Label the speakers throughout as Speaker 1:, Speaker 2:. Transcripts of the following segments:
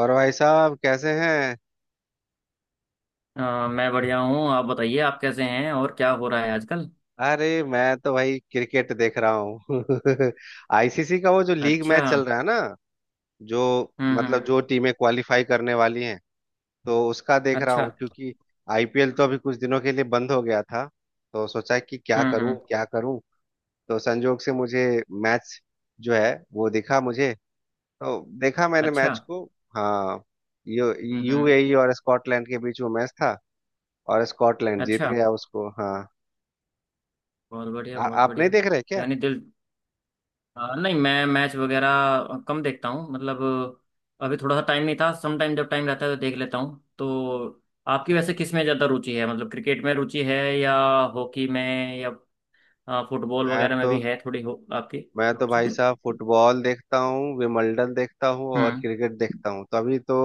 Speaker 1: और भाई साहब कैसे हैं।
Speaker 2: अ, मैं बढ़िया हूँ। आप बताइए आप कैसे हैं और क्या हो रहा है आजकल।
Speaker 1: अरे मैं तो भाई क्रिकेट देख रहा हूँ। आईसीसी का वो जो लीग
Speaker 2: अच्छा।
Speaker 1: मैच चल रहा है ना। जो
Speaker 2: हम्म।
Speaker 1: मतलब जो टीमें क्वालिफाई करने वाली हैं, तो उसका देख रहा
Speaker 2: अच्छा।
Speaker 1: हूँ क्योंकि आईपीएल तो अभी कुछ दिनों के लिए बंद हो गया था। तो सोचा कि क्या करूँ
Speaker 2: हम्म।
Speaker 1: क्या करूँ। तो संजोग से मुझे मैच जो है वो दिखा मुझे। तो देखा मैंने
Speaker 2: अच्छा।
Speaker 1: मैच को। हाँ। यू
Speaker 2: हम्म।
Speaker 1: यूएई और स्कॉटलैंड के बीच वो मैच था। और स्कॉटलैंड जीत
Speaker 2: अच्छा।
Speaker 1: गया उसको। हाँ।
Speaker 2: बहुत बढ़िया बहुत
Speaker 1: आप नहीं
Speaker 2: बढ़िया।
Speaker 1: देख रहे क्या?
Speaker 2: यानी दिल। नहीं, मैं मैच वगैरह कम देखता हूँ मतलब। अभी थोड़ा सा टाइम नहीं था, सम टाइम जब टाइम रहता है तो देख लेता हूँ। तो आपकी वैसे किस में ज़्यादा रुचि है, मतलब क्रिकेट में रुचि है या हॉकी में या फुटबॉल
Speaker 1: मैं
Speaker 2: वगैरह में
Speaker 1: तो
Speaker 2: भी है थोड़ी, हो आपकी
Speaker 1: मैं तो
Speaker 2: रुचि?
Speaker 1: भाई साहब फुटबॉल देखता हूँ, विमल्डन देखता हूँ और
Speaker 2: हम्म
Speaker 1: क्रिकेट देखता हूँ, तो अभी तो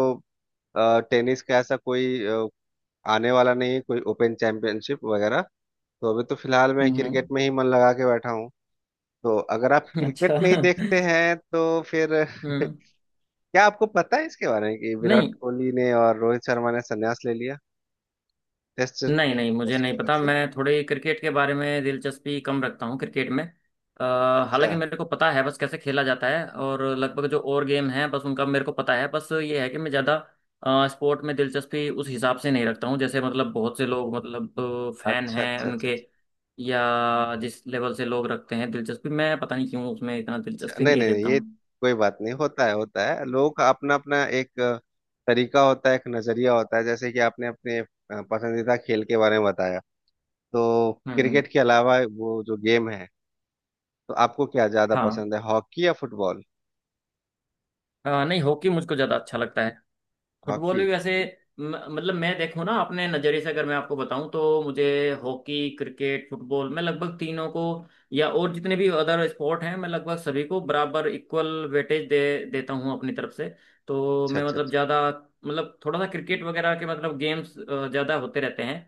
Speaker 1: टेनिस का ऐसा कोई आने वाला नहीं है कोई ओपन चैंपियनशिप वगैरह। तो अभी तो फिलहाल मैं
Speaker 2: हम्म।
Speaker 1: क्रिकेट में ही मन लगा के बैठा हूँ। तो अगर आप क्रिकेट
Speaker 2: अच्छा।
Speaker 1: नहीं देखते हैं तो फिर।
Speaker 2: हम्म।
Speaker 1: क्या आपको पता है इसके बारे में कि विराट
Speaker 2: नहीं
Speaker 1: कोहली ने और रोहित शर्मा ने संन्यास ले लिया? टेस्ट
Speaker 2: नहीं नहीं, मुझे
Speaker 1: टेस्ट
Speaker 2: नहीं
Speaker 1: क्रिकेट
Speaker 2: पता,
Speaker 1: से।
Speaker 2: मैं थोड़े क्रिकेट के बारे में दिलचस्पी कम रखता हूँ, क्रिकेट में
Speaker 1: अच्छा,
Speaker 2: हालांकि मेरे को पता है बस कैसे खेला जाता है, और लगभग जो और गेम हैं बस उनका मेरे को पता है। बस ये है कि मैं ज़्यादा स्पोर्ट में दिलचस्पी उस हिसाब से नहीं रखता हूँ, जैसे मतलब बहुत से लोग मतलब फैन
Speaker 1: अच्छा,
Speaker 2: हैं
Speaker 1: अच्छा, अच्छा।
Speaker 2: उनके,
Speaker 1: अच्छा,
Speaker 2: या जिस लेवल से लोग रखते हैं दिलचस्पी, मैं पता नहीं क्यों उसमें इतना
Speaker 1: अच्छा,
Speaker 2: दिलचस्पी
Speaker 1: नहीं,
Speaker 2: नहीं
Speaker 1: नहीं, नहीं,
Speaker 2: लेता
Speaker 1: ये
Speaker 2: हूँ।
Speaker 1: कोई बात नहीं। होता है, होता है लोगों का अपना अपना एक तरीका होता है, एक नजरिया होता है। जैसे कि आपने अपने पसंदीदा खेल के बारे में बताया, तो
Speaker 2: हम्म हम्म,
Speaker 1: क्रिकेट के अलावा वो जो गेम है, तो आपको क्या ज्यादा
Speaker 2: हाँ।
Speaker 1: पसंद है, हॉकी या फुटबॉल?
Speaker 2: नहीं, हॉकी मुझको ज़्यादा अच्छा लगता है। Football
Speaker 1: hockey.
Speaker 2: भी वैसे मतलब मैं देखूं ना, अपने नज़रिए से अगर मैं आपको बताऊं तो मुझे हॉकी, क्रिकेट, फुटबॉल, मैं लगभग तीनों को या और जितने भी अदर स्पोर्ट हैं, मैं लगभग सभी को बराबर इक्वल वेटेज दे देता हूं अपनी तरफ से। तो
Speaker 1: अच्छा,
Speaker 2: मैं
Speaker 1: अच्छा,
Speaker 2: मतलब
Speaker 1: अच्छा।
Speaker 2: ज़्यादा, मतलब थोड़ा सा क्रिकेट वगैरह के मतलब गेम्स ज़्यादा होते रहते हैं,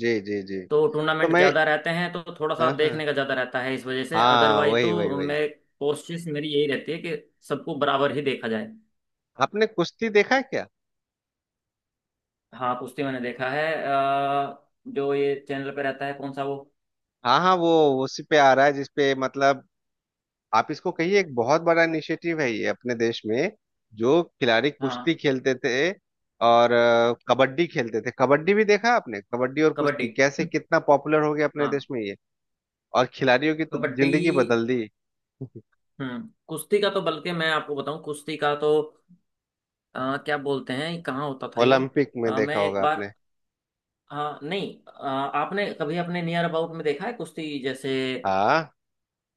Speaker 1: जी, जी, जी।
Speaker 2: तो
Speaker 1: तो
Speaker 2: टूर्नामेंट
Speaker 1: मैं।
Speaker 2: ज़्यादा रहते हैं तो थोड़ा सा
Speaker 1: हाँ, हाँ,
Speaker 2: देखने का ज़्यादा रहता है, इस वजह से।
Speaker 1: हाँ,
Speaker 2: अदरवाइज
Speaker 1: वही, वही,
Speaker 2: तो
Speaker 1: वही।
Speaker 2: मैं कोशिश, मेरी यही रहती है कि सबको बराबर ही देखा जाए।
Speaker 1: आपने कुश्ती देखा है क्या?
Speaker 2: हाँ कुश्ती मैंने देखा है। जो ये चैनल पे रहता है कौन सा वो।
Speaker 1: हाँ, हाँ, वो उसी पे आ रहा है जिसपे मतलब। आप इसको कहिए एक बहुत बड़ा इनिशिएटिव है ये अपने देश में। जो खिलाड़ी कुश्ती
Speaker 2: हाँ।
Speaker 1: खेलते थे और कबड्डी खेलते थे। कबड्डी भी देखा आपने? कबड्डी और
Speaker 2: कबड्डी।
Speaker 1: कुश्ती कैसे
Speaker 2: हम्म,
Speaker 1: कितना पॉपुलर हो गया अपने देश
Speaker 2: हाँ।
Speaker 1: में ये। और खिलाड़ियों की तो
Speaker 2: कबड्डी।
Speaker 1: जिंदगी बदल दी।
Speaker 2: हम्म। कुश्ती का तो बल्कि मैं आपको बताऊं, कुश्ती का तो क्या बोलते हैं, कहाँ होता था ये।
Speaker 1: ओलंपिक में देखा
Speaker 2: मैं एक
Speaker 1: होगा
Speaker 2: बार।
Speaker 1: आपने।
Speaker 2: हाँ नहीं, आपने कभी अपने नियर अबाउट में देखा है कुश्ती जैसे
Speaker 1: हाँ,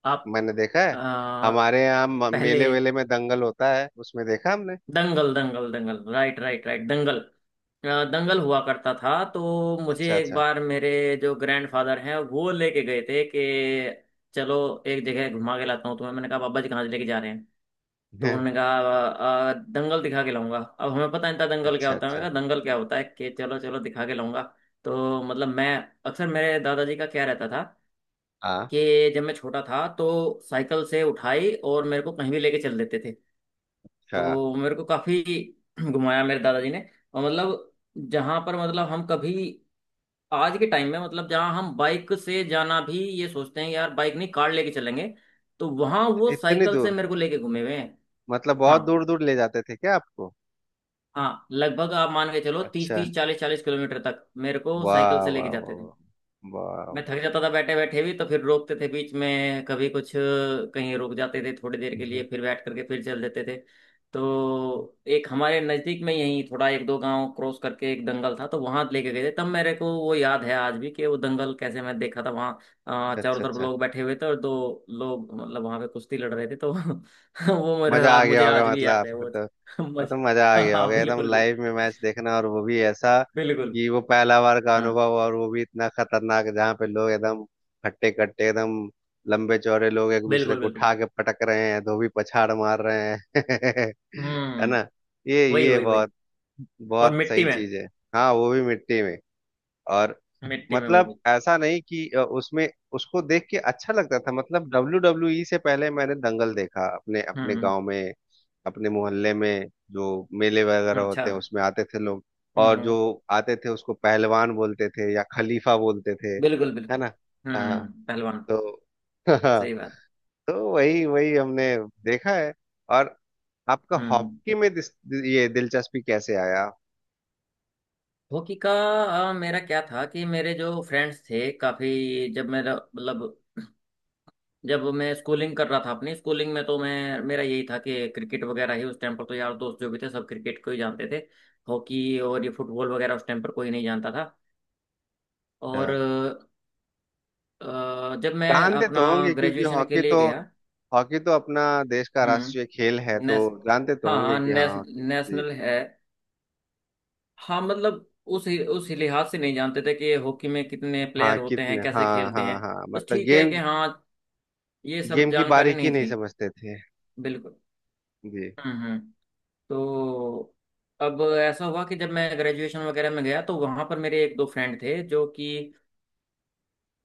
Speaker 2: आप?
Speaker 1: मैंने देखा है।
Speaker 2: अ,
Speaker 1: हमारे यहाँ
Speaker 2: पहले
Speaker 1: मेले वेले में दंगल होता है, उसमें देखा हमने।
Speaker 2: दंगल दंगल दंगल, राइट राइट राइट, दंगल। दंगल हुआ करता था, तो मुझे
Speaker 1: अच्छा,
Speaker 2: एक
Speaker 1: अच्छा।
Speaker 2: बार मेरे जो ग्रैंडफादर हैं वो लेके गए थे कि चलो एक जगह घुमा के लाता हूँ तुम्हें। मैंने कहा, बाबा जी कहाँ से लेके जा रहे हैं? तो उन्होंने कहा, दंगल दिखा के लाऊंगा।" अब हमें पता नहीं था दंगल क्या
Speaker 1: अच्छा,
Speaker 2: होता है।
Speaker 1: अच्छा।
Speaker 2: मैंने कहा दंगल क्या होता है? कि चलो चलो दिखा के लाऊंगा। तो मतलब मैं, अक्सर मेरे दादाजी का क्या रहता था
Speaker 1: हाँ।
Speaker 2: कि जब मैं छोटा था तो साइकिल से उठाई और मेरे को कहीं भी लेके चल देते थे।
Speaker 1: अच्छा।
Speaker 2: तो मेरे को काफी घुमाया मेरे दादाजी ने। और मतलब जहां पर मतलब हम कभी, आज के टाइम में मतलब जहाँ हम बाइक से जाना भी ये सोचते हैं यार, बाइक नहीं कार लेके चलेंगे, तो वहां वो
Speaker 1: इतनी
Speaker 2: साइकिल से
Speaker 1: दूर,
Speaker 2: मेरे को लेके घूमे हुए हैं।
Speaker 1: मतलब
Speaker 2: हाँ।
Speaker 1: बहुत दूर दूर ले जाते थे क्या आपको?
Speaker 2: हाँ लगभग आप मान के चलो तीस
Speaker 1: अच्छा।
Speaker 2: तीस चालीस चालीस किलोमीटर तक मेरे को साइकिल
Speaker 1: वाह,
Speaker 2: से लेके
Speaker 1: वाह, वाह।
Speaker 2: जाते थे।
Speaker 1: वाह, वाह,
Speaker 2: मैं
Speaker 1: वाह।
Speaker 2: थक जाता था बैठे बैठे भी, तो फिर रोकते थे बीच में, कभी कुछ कहीं रुक जाते थे थोड़ी देर के
Speaker 1: हम्म।
Speaker 2: लिए, फिर बैठ करके फिर चल देते थे। तो एक हमारे नज़दीक में यहीं थोड़ा एक दो गांव क्रॉस करके एक दंगल था, तो वहां लेके गए थे, तब मेरे को वो याद है आज भी कि वो दंगल कैसे मैं देखा था वहाँ।
Speaker 1: अच्छा,
Speaker 2: चारों
Speaker 1: अच्छा,
Speaker 2: तरफ
Speaker 1: अच्छा।
Speaker 2: लोग बैठे हुए थे और दो लोग, मतलब वहां पे कुश्ती लड़ रहे थे, तो वो
Speaker 1: मजा
Speaker 2: मेरा,
Speaker 1: आ गया
Speaker 2: मुझे
Speaker 1: होगा
Speaker 2: आज भी
Speaker 1: मतलब
Speaker 2: याद है
Speaker 1: आपको
Speaker 2: वो
Speaker 1: तो। वो तो मजा आ
Speaker 2: मजा।
Speaker 1: गया
Speaker 2: हाँ
Speaker 1: होगा एकदम
Speaker 2: बिल्कुल
Speaker 1: लाइव में
Speaker 2: बिल्कुल।
Speaker 1: मैच देखना, और वो भी ऐसा
Speaker 2: बिल्कुल।
Speaker 1: कि वो पहला बार का
Speaker 2: हाँ
Speaker 1: अनुभव, और वो भी इतना खतरनाक जहाँ पे लोग एकदम हट्टे कट्टे, एकदम लंबे चौड़े लोग एक दूसरे
Speaker 2: बिल्कुल
Speaker 1: को
Speaker 2: बिल्कुल।
Speaker 1: उठा के पटक रहे हैं, धोबी पछाड़ मार रहे हैं। है
Speaker 2: हम्म।
Speaker 1: ना? ये
Speaker 2: वही
Speaker 1: ये
Speaker 2: वही वही।
Speaker 1: बहुत
Speaker 2: और
Speaker 1: बहुत
Speaker 2: मिट्टी
Speaker 1: सही
Speaker 2: में।
Speaker 1: चीज है। हाँ, वो भी मिट्टी में। और
Speaker 2: मिट्टी में वो
Speaker 1: मतलब
Speaker 2: भी।
Speaker 1: ऐसा नहीं कि उसमें उसको देख के अच्छा लगता था। मतलब डब्ल्यू डब्ल्यू ई से पहले मैंने दंगल देखा, अपने अपने
Speaker 2: हम्म
Speaker 1: गांव में, अपने मोहल्ले में। जो मेले वगैरह
Speaker 2: अच्छा।
Speaker 1: होते हैं उसमें आते थे लोग। और जो
Speaker 2: हम्म।
Speaker 1: आते थे उसको पहलवान बोलते थे या खलीफा बोलते थे,
Speaker 2: बिल्कुल
Speaker 1: है
Speaker 2: बिल्कुल।
Speaker 1: ना? हाँ।
Speaker 2: पहलवान।
Speaker 1: तो।
Speaker 2: सही बात।
Speaker 1: तो वही वही हमने देखा है। और आपका
Speaker 2: हम्म हम्म।
Speaker 1: हॉकी में ये दिलचस्पी कैसे आया?
Speaker 2: हॉकी का मेरा क्या था कि मेरे जो फ्रेंड्स थे काफी, जब मेरा मतलब जब मैं स्कूलिंग कर रहा था अपनी स्कूलिंग में तो मैं, मेरा यही था कि क्रिकेट वगैरह ही उस टाइम पर, तो यार दोस्त जो भी थे सब क्रिकेट को ही जानते थे। हॉकी और ये फुटबॉल वगैरह उस टाइम पर कोई नहीं जानता था।
Speaker 1: हाँ।
Speaker 2: और जब मैं
Speaker 1: जानते
Speaker 2: अपना
Speaker 1: तो होंगे क्योंकि
Speaker 2: ग्रेजुएशन के लिए गया।
Speaker 1: हॉकी तो अपना देश का राष्ट्रीय
Speaker 2: हम्म।
Speaker 1: खेल है, तो
Speaker 2: नेस।
Speaker 1: जानते तो
Speaker 2: हाँ
Speaker 1: होंगे
Speaker 2: हाँ
Speaker 1: कि हाँ,
Speaker 2: नेस,
Speaker 1: हॉकी जी।
Speaker 2: नेशनल है। हाँ, मतलब उस लिहाज से नहीं जानते थे कि हॉकी में कितने
Speaker 1: हाँ,
Speaker 2: प्लेयर होते हैं,
Speaker 1: कितने,
Speaker 2: कैसे
Speaker 1: हाँ,
Speaker 2: खेलते
Speaker 1: हाँ,
Speaker 2: हैं।
Speaker 1: हाँ,
Speaker 2: बस
Speaker 1: मतलब
Speaker 2: ठीक है
Speaker 1: गेम।
Speaker 2: कि हाँ, ये सब
Speaker 1: गेम की
Speaker 2: जानकारी
Speaker 1: बारीकी
Speaker 2: नहीं
Speaker 1: नहीं
Speaker 2: थी।
Speaker 1: समझते थे।
Speaker 2: बिल्कुल।
Speaker 1: जी।
Speaker 2: हम्म हम्म। तो अब ऐसा हुआ कि जब मैं ग्रेजुएशन वगैरह में गया तो वहाँ पर मेरे एक दो फ्रेंड थे जो कि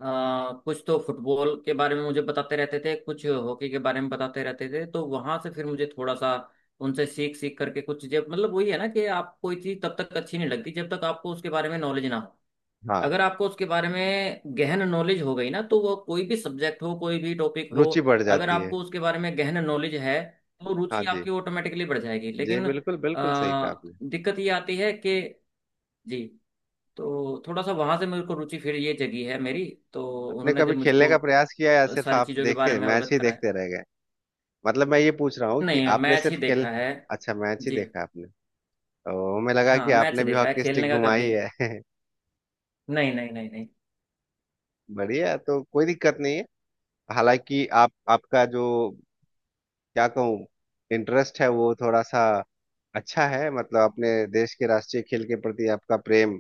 Speaker 2: कुछ तो फुटबॉल के बारे में मुझे बताते रहते थे, कुछ हॉकी के बारे में बताते रहते थे, तो वहाँ से फिर मुझे थोड़ा सा उनसे सीख सीख करके कुछ चीज़ें, मतलब वही है ना कि आप कोई चीज़ तब तक अच्छी नहीं लगती जब तक आपको उसके बारे में नॉलेज ना हो।
Speaker 1: हाँ,
Speaker 2: अगर आपको उसके बारे में गहन नॉलेज हो गई ना, तो वो कोई भी सब्जेक्ट हो कोई भी टॉपिक हो,
Speaker 1: रुचि बढ़
Speaker 2: अगर
Speaker 1: जाती है।
Speaker 2: आपको उसके बारे में गहन नॉलेज है तो
Speaker 1: हाँ
Speaker 2: रुचि
Speaker 1: जी,
Speaker 2: आपकी ऑटोमेटिकली बढ़ जाएगी।
Speaker 1: जी,
Speaker 2: लेकिन
Speaker 1: बिल्कुल, बिल्कुल सही कहा आपने।
Speaker 2: दिक्कत ये आती है कि जी। तो थोड़ा सा वहां से मेरे को रुचि फिर ये जगी है मेरी। तो
Speaker 1: आपने
Speaker 2: उन्होंने
Speaker 1: कभी
Speaker 2: जब
Speaker 1: खेलने
Speaker 2: मुझको
Speaker 1: का प्रयास किया, या सिर्फ
Speaker 2: सारी
Speaker 1: आप
Speaker 2: चीज़ों के बारे
Speaker 1: देखे,
Speaker 2: में
Speaker 1: मैच
Speaker 2: अवगत
Speaker 1: ही
Speaker 2: कराया।
Speaker 1: देखते रह गए? मतलब मैं ये पूछ रहा हूँ कि
Speaker 2: नहीं,
Speaker 1: आपने
Speaker 2: मैच ही
Speaker 1: सिर्फ खेल।
Speaker 2: देखा है।
Speaker 1: अच्छा, मैच ही
Speaker 2: जी।
Speaker 1: देखा आपने। तो हमें लगा
Speaker 2: हाँ
Speaker 1: कि
Speaker 2: मैच
Speaker 1: आपने
Speaker 2: ही
Speaker 1: भी
Speaker 2: देखा है,
Speaker 1: हॉकी
Speaker 2: खेलने
Speaker 1: स्टिक
Speaker 2: का कभी
Speaker 1: घुमाई है।
Speaker 2: नहीं नहीं नहीं नहीं।
Speaker 1: बढ़िया, तो कोई दिक्कत नहीं है। हालांकि आप आपका जो, क्या कहूँ, इंटरेस्ट है वो थोड़ा सा अच्छा है, मतलब अपने देश के राष्ट्रीय खेल के प्रति आपका प्रेम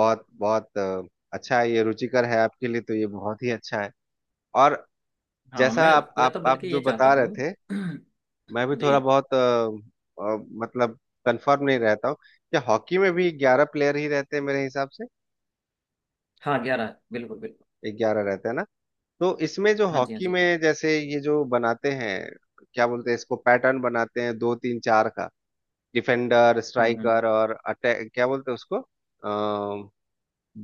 Speaker 1: बहुत बहुत अच्छा है। ये रुचिकर है आपके लिए, तो ये बहुत ही अच्छा है। और
Speaker 2: हाँ
Speaker 1: जैसा
Speaker 2: मैं।
Speaker 1: आप
Speaker 2: मैं
Speaker 1: आप
Speaker 2: तो
Speaker 1: आप
Speaker 2: बल्कि
Speaker 1: जो
Speaker 2: ये चाहता
Speaker 1: बता रहे
Speaker 2: हूँ।
Speaker 1: थे, मैं भी
Speaker 2: जी।
Speaker 1: थोड़ा बहुत, अ, मतलब कंफर्म नहीं रहता हूँ। क्या हॉकी में भी 11 प्लेयर ही रहते हैं मेरे हिसाब से?
Speaker 2: हाँ 11 बिल्कुल बिल्कुल।
Speaker 1: 11 रहते हैं ना? तो इसमें जो
Speaker 2: हाँ जी हाँ
Speaker 1: हॉकी
Speaker 2: जी।
Speaker 1: में जैसे ये जो बनाते हैं, क्या बोलते हैं इसको, पैटर्न बनाते हैं दो तीन चार का। डिफेंडर,
Speaker 2: हम्म।
Speaker 1: स्ट्राइकर और अटैक, क्या बोलते हैं उसको?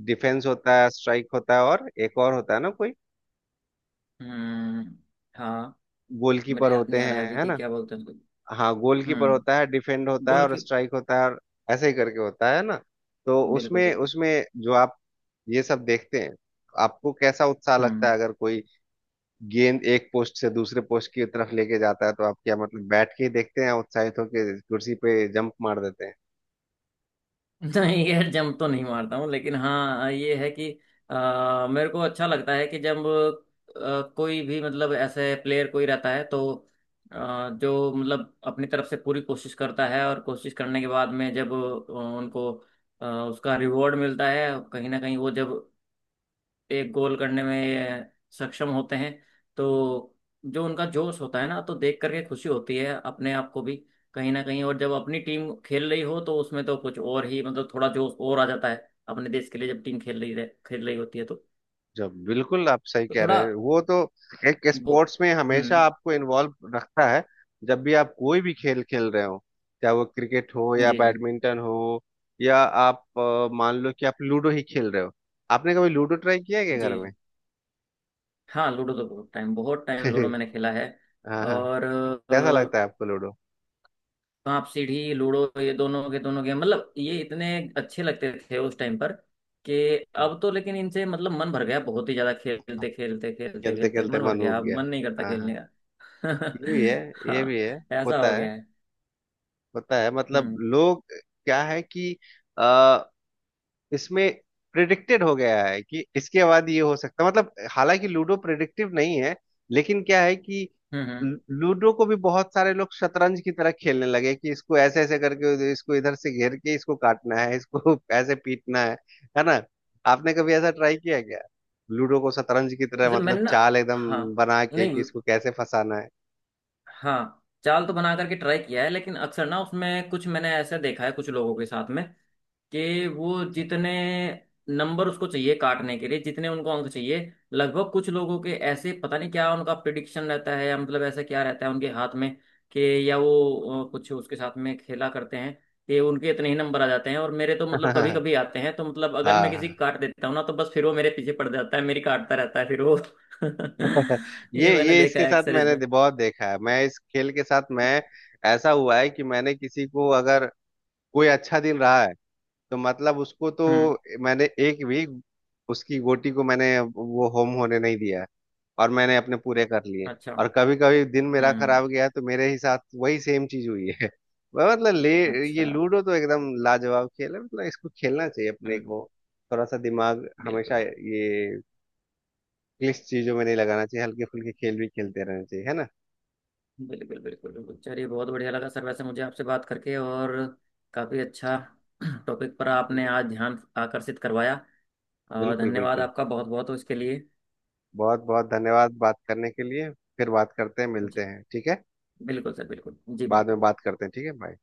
Speaker 1: डिफेंस होता है, स्ट्राइक होता है और एक और होता है ना कोई।
Speaker 2: हम्म, हाँ। मेरे
Speaker 1: गोलकीपर
Speaker 2: याद
Speaker 1: होते
Speaker 2: नहीं आ रहा है
Speaker 1: हैं,
Speaker 2: अभी
Speaker 1: है
Speaker 2: कि
Speaker 1: ना?
Speaker 2: क्या बोलते हैं उसको।
Speaker 1: हाँ, गोलकीपर होता
Speaker 2: हम्म।
Speaker 1: है, डिफेंड होता है
Speaker 2: गोल
Speaker 1: और
Speaker 2: की।
Speaker 1: स्ट्राइक होता है और ऐसे ही करके होता है ना। तो
Speaker 2: बिल्कुल
Speaker 1: उसमें
Speaker 2: बिल्कुल।
Speaker 1: उसमें जो आप ये सब देखते हैं, आपको कैसा उत्साह लगता
Speaker 2: हम्म।
Speaker 1: है? अगर कोई गेंद एक पोस्ट से दूसरे पोस्ट की तरफ लेके जाता है तो आप क्या मतलब बैठ के ही देखते हैं या उत्साहित होकर कुर्सी पे जंप मार देते हैं?
Speaker 2: नहीं यार, जंप तो नहीं मारता हूँ, लेकिन हाँ ये है कि मेरे को अच्छा लगता है कि जब कोई भी मतलब ऐसे प्लेयर कोई रहता है, तो जो मतलब अपनी तरफ से पूरी कोशिश करता है, और कोशिश करने के बाद में जब उनको उसका रिवॉर्ड मिलता है कहीं ना कहीं, वो जब एक गोल करने में सक्षम होते हैं, तो जो उनका जोश होता है ना, तो देख करके खुशी होती है अपने आप को भी कहीं ना कहीं। और जब अपनी टीम खेल रही हो तो उसमें तो कुछ और ही, मतलब थोड़ा जोश और आ जाता है। अपने देश के लिए जब टीम खेल रही खेल रही होती है तो।
Speaker 1: जब बिल्कुल आप सही
Speaker 2: तो
Speaker 1: कह
Speaker 2: थोड़ा
Speaker 1: रहे हैं, वो तो एक
Speaker 2: वो।
Speaker 1: स्पोर्ट्स में हमेशा
Speaker 2: हम्म।
Speaker 1: आपको इन्वॉल्व रखता है। जब भी आप कोई भी खेल खेल रहे हो, चाहे वो क्रिकेट हो या
Speaker 2: जी जी
Speaker 1: बैडमिंटन हो, या आप मान लो कि आप लूडो ही खेल रहे हो। आपने कभी लूडो ट्राई किया है क्या
Speaker 2: जी।
Speaker 1: घर में?
Speaker 2: हाँ लूडो तो बहुत टाइम, बहुत टाइम लूडो मैंने खेला है।
Speaker 1: हाँ, हाँ।
Speaker 2: और
Speaker 1: कैसा लगता है आपको लूडो?
Speaker 2: सांप सीढ़ी लूडो ये दोनों के दोनों गेम, मतलब ये इतने अच्छे लगते थे उस टाइम पर कि,
Speaker 1: हम्म,
Speaker 2: अब तो लेकिन इनसे मतलब मन भर गया, बहुत ही ज्यादा
Speaker 1: हाँ,
Speaker 2: खेलते खेलते खेलते
Speaker 1: खेलते
Speaker 2: खेलते
Speaker 1: खेलते
Speaker 2: मन भर
Speaker 1: मन
Speaker 2: गया,
Speaker 1: उब
Speaker 2: अब
Speaker 1: गया।
Speaker 2: मन नहीं करता
Speaker 1: हाँ,
Speaker 2: खेलने
Speaker 1: हाँ,
Speaker 2: का।
Speaker 1: ये भी है, ये
Speaker 2: हाँ।
Speaker 1: भी है।
Speaker 2: ऐसा
Speaker 1: होता
Speaker 2: हो
Speaker 1: है,
Speaker 2: गया है।
Speaker 1: होता है, मतलब
Speaker 2: हम्म
Speaker 1: लोग क्या है कि इसमें प्रिडिक्टेड हो गया है कि इसके बाद ये हो सकता है, मतलब हालांकि लूडो प्रिडिक्टिव नहीं है, लेकिन क्या है कि
Speaker 2: हम्म हम्म।
Speaker 1: लूडो को भी बहुत सारे लोग शतरंज की तरह खेलने लगे कि इसको ऐसे ऐसे करके इसको इधर से घेर के इसको काटना है, इसको ऐसे पीटना है ना? आपने कभी ऐसा ट्राई किया क्या, लूडो को शतरंज की तरह,
Speaker 2: वैसे
Speaker 1: मतलब
Speaker 2: मैंने ना।
Speaker 1: चाल एकदम
Speaker 2: हाँ।
Speaker 1: बना के कि
Speaker 2: नहीं।
Speaker 1: इसको कैसे फंसाना है?
Speaker 2: हाँ चाल तो बना करके ट्राई किया है, लेकिन अक्सर ना उसमें कुछ मैंने ऐसे देखा है कुछ लोगों के साथ में कि वो जितने नंबर उसको चाहिए काटने के लिए, जितने उनको अंक चाहिए, लगभग कुछ लोगों के ऐसे पता नहीं क्या उनका प्रिडिक्शन रहता है या मतलब ऐसा क्या रहता है उनके हाथ में कि, या वो कुछ उसके साथ में खेला करते हैं कि उनके इतने ही नंबर आ जाते हैं। और मेरे तो मतलब कभी
Speaker 1: हाँ,
Speaker 2: कभी आते हैं, तो मतलब अगर मैं किसी
Speaker 1: हाँ।
Speaker 2: को काट देता हूँ ना तो बस फिर वो मेरे पीछे पड़ जाता है, मेरी काटता रहता है फिर वो।
Speaker 1: ये
Speaker 2: ये मैंने
Speaker 1: ये
Speaker 2: देखा
Speaker 1: इसके
Speaker 2: है
Speaker 1: साथ
Speaker 2: अक्सर
Speaker 1: मैंने
Speaker 2: इसमें।
Speaker 1: बहुत देखा है। मैं इस खेल के साथ मैं ऐसा हुआ है कि मैंने किसी को, अगर कोई अच्छा दिन रहा है, तो मतलब उसको तो
Speaker 2: हम्म।
Speaker 1: मैंने एक भी उसकी गोटी को मैंने वो होम होने नहीं दिया, और मैंने अपने पूरे कर लिए।
Speaker 2: अच्छा।
Speaker 1: और कभी कभी दिन मेरा
Speaker 2: हम्म।
Speaker 1: खराब गया तो मेरे ही साथ वही सेम चीज हुई है। मैं मतलब ले। ये
Speaker 2: अच्छा।
Speaker 1: लूडो तो एकदम लाजवाब खेल है, मतलब इसको खेलना चाहिए अपने
Speaker 2: हम्म।
Speaker 1: को। थोड़ा सा दिमाग हमेशा
Speaker 2: बिल्कुल
Speaker 1: ये इंग्लिश चीजों में नहीं लगाना चाहिए, हल्के फुल्के खेल भी खेलते रहना चाहिए, है ना?
Speaker 2: बिल्कुल बिल्कुल। बिल्कुल चलिए, बहुत बढ़िया लगा सर वैसे मुझे आपसे बात करके, और काफ़ी अच्छा
Speaker 1: चलिए,
Speaker 2: टॉपिक पर
Speaker 1: बिल्कुल,
Speaker 2: आपने आज ध्यान आकर्षित करवाया, और
Speaker 1: बिल्कुल,
Speaker 2: धन्यवाद
Speaker 1: बिल्कुल। बिल्कुल
Speaker 2: आपका बहुत बहुत इसके लिए।
Speaker 1: बहुत बहुत धन्यवाद बात करने के लिए। फिर बात करते हैं, मिलते
Speaker 2: जी
Speaker 1: हैं, ठीक है।
Speaker 2: बिल्कुल सर, बिल्कुल जी,
Speaker 1: बाद में
Speaker 2: बिल्कुल।
Speaker 1: बात करते हैं, ठीक है, बाय।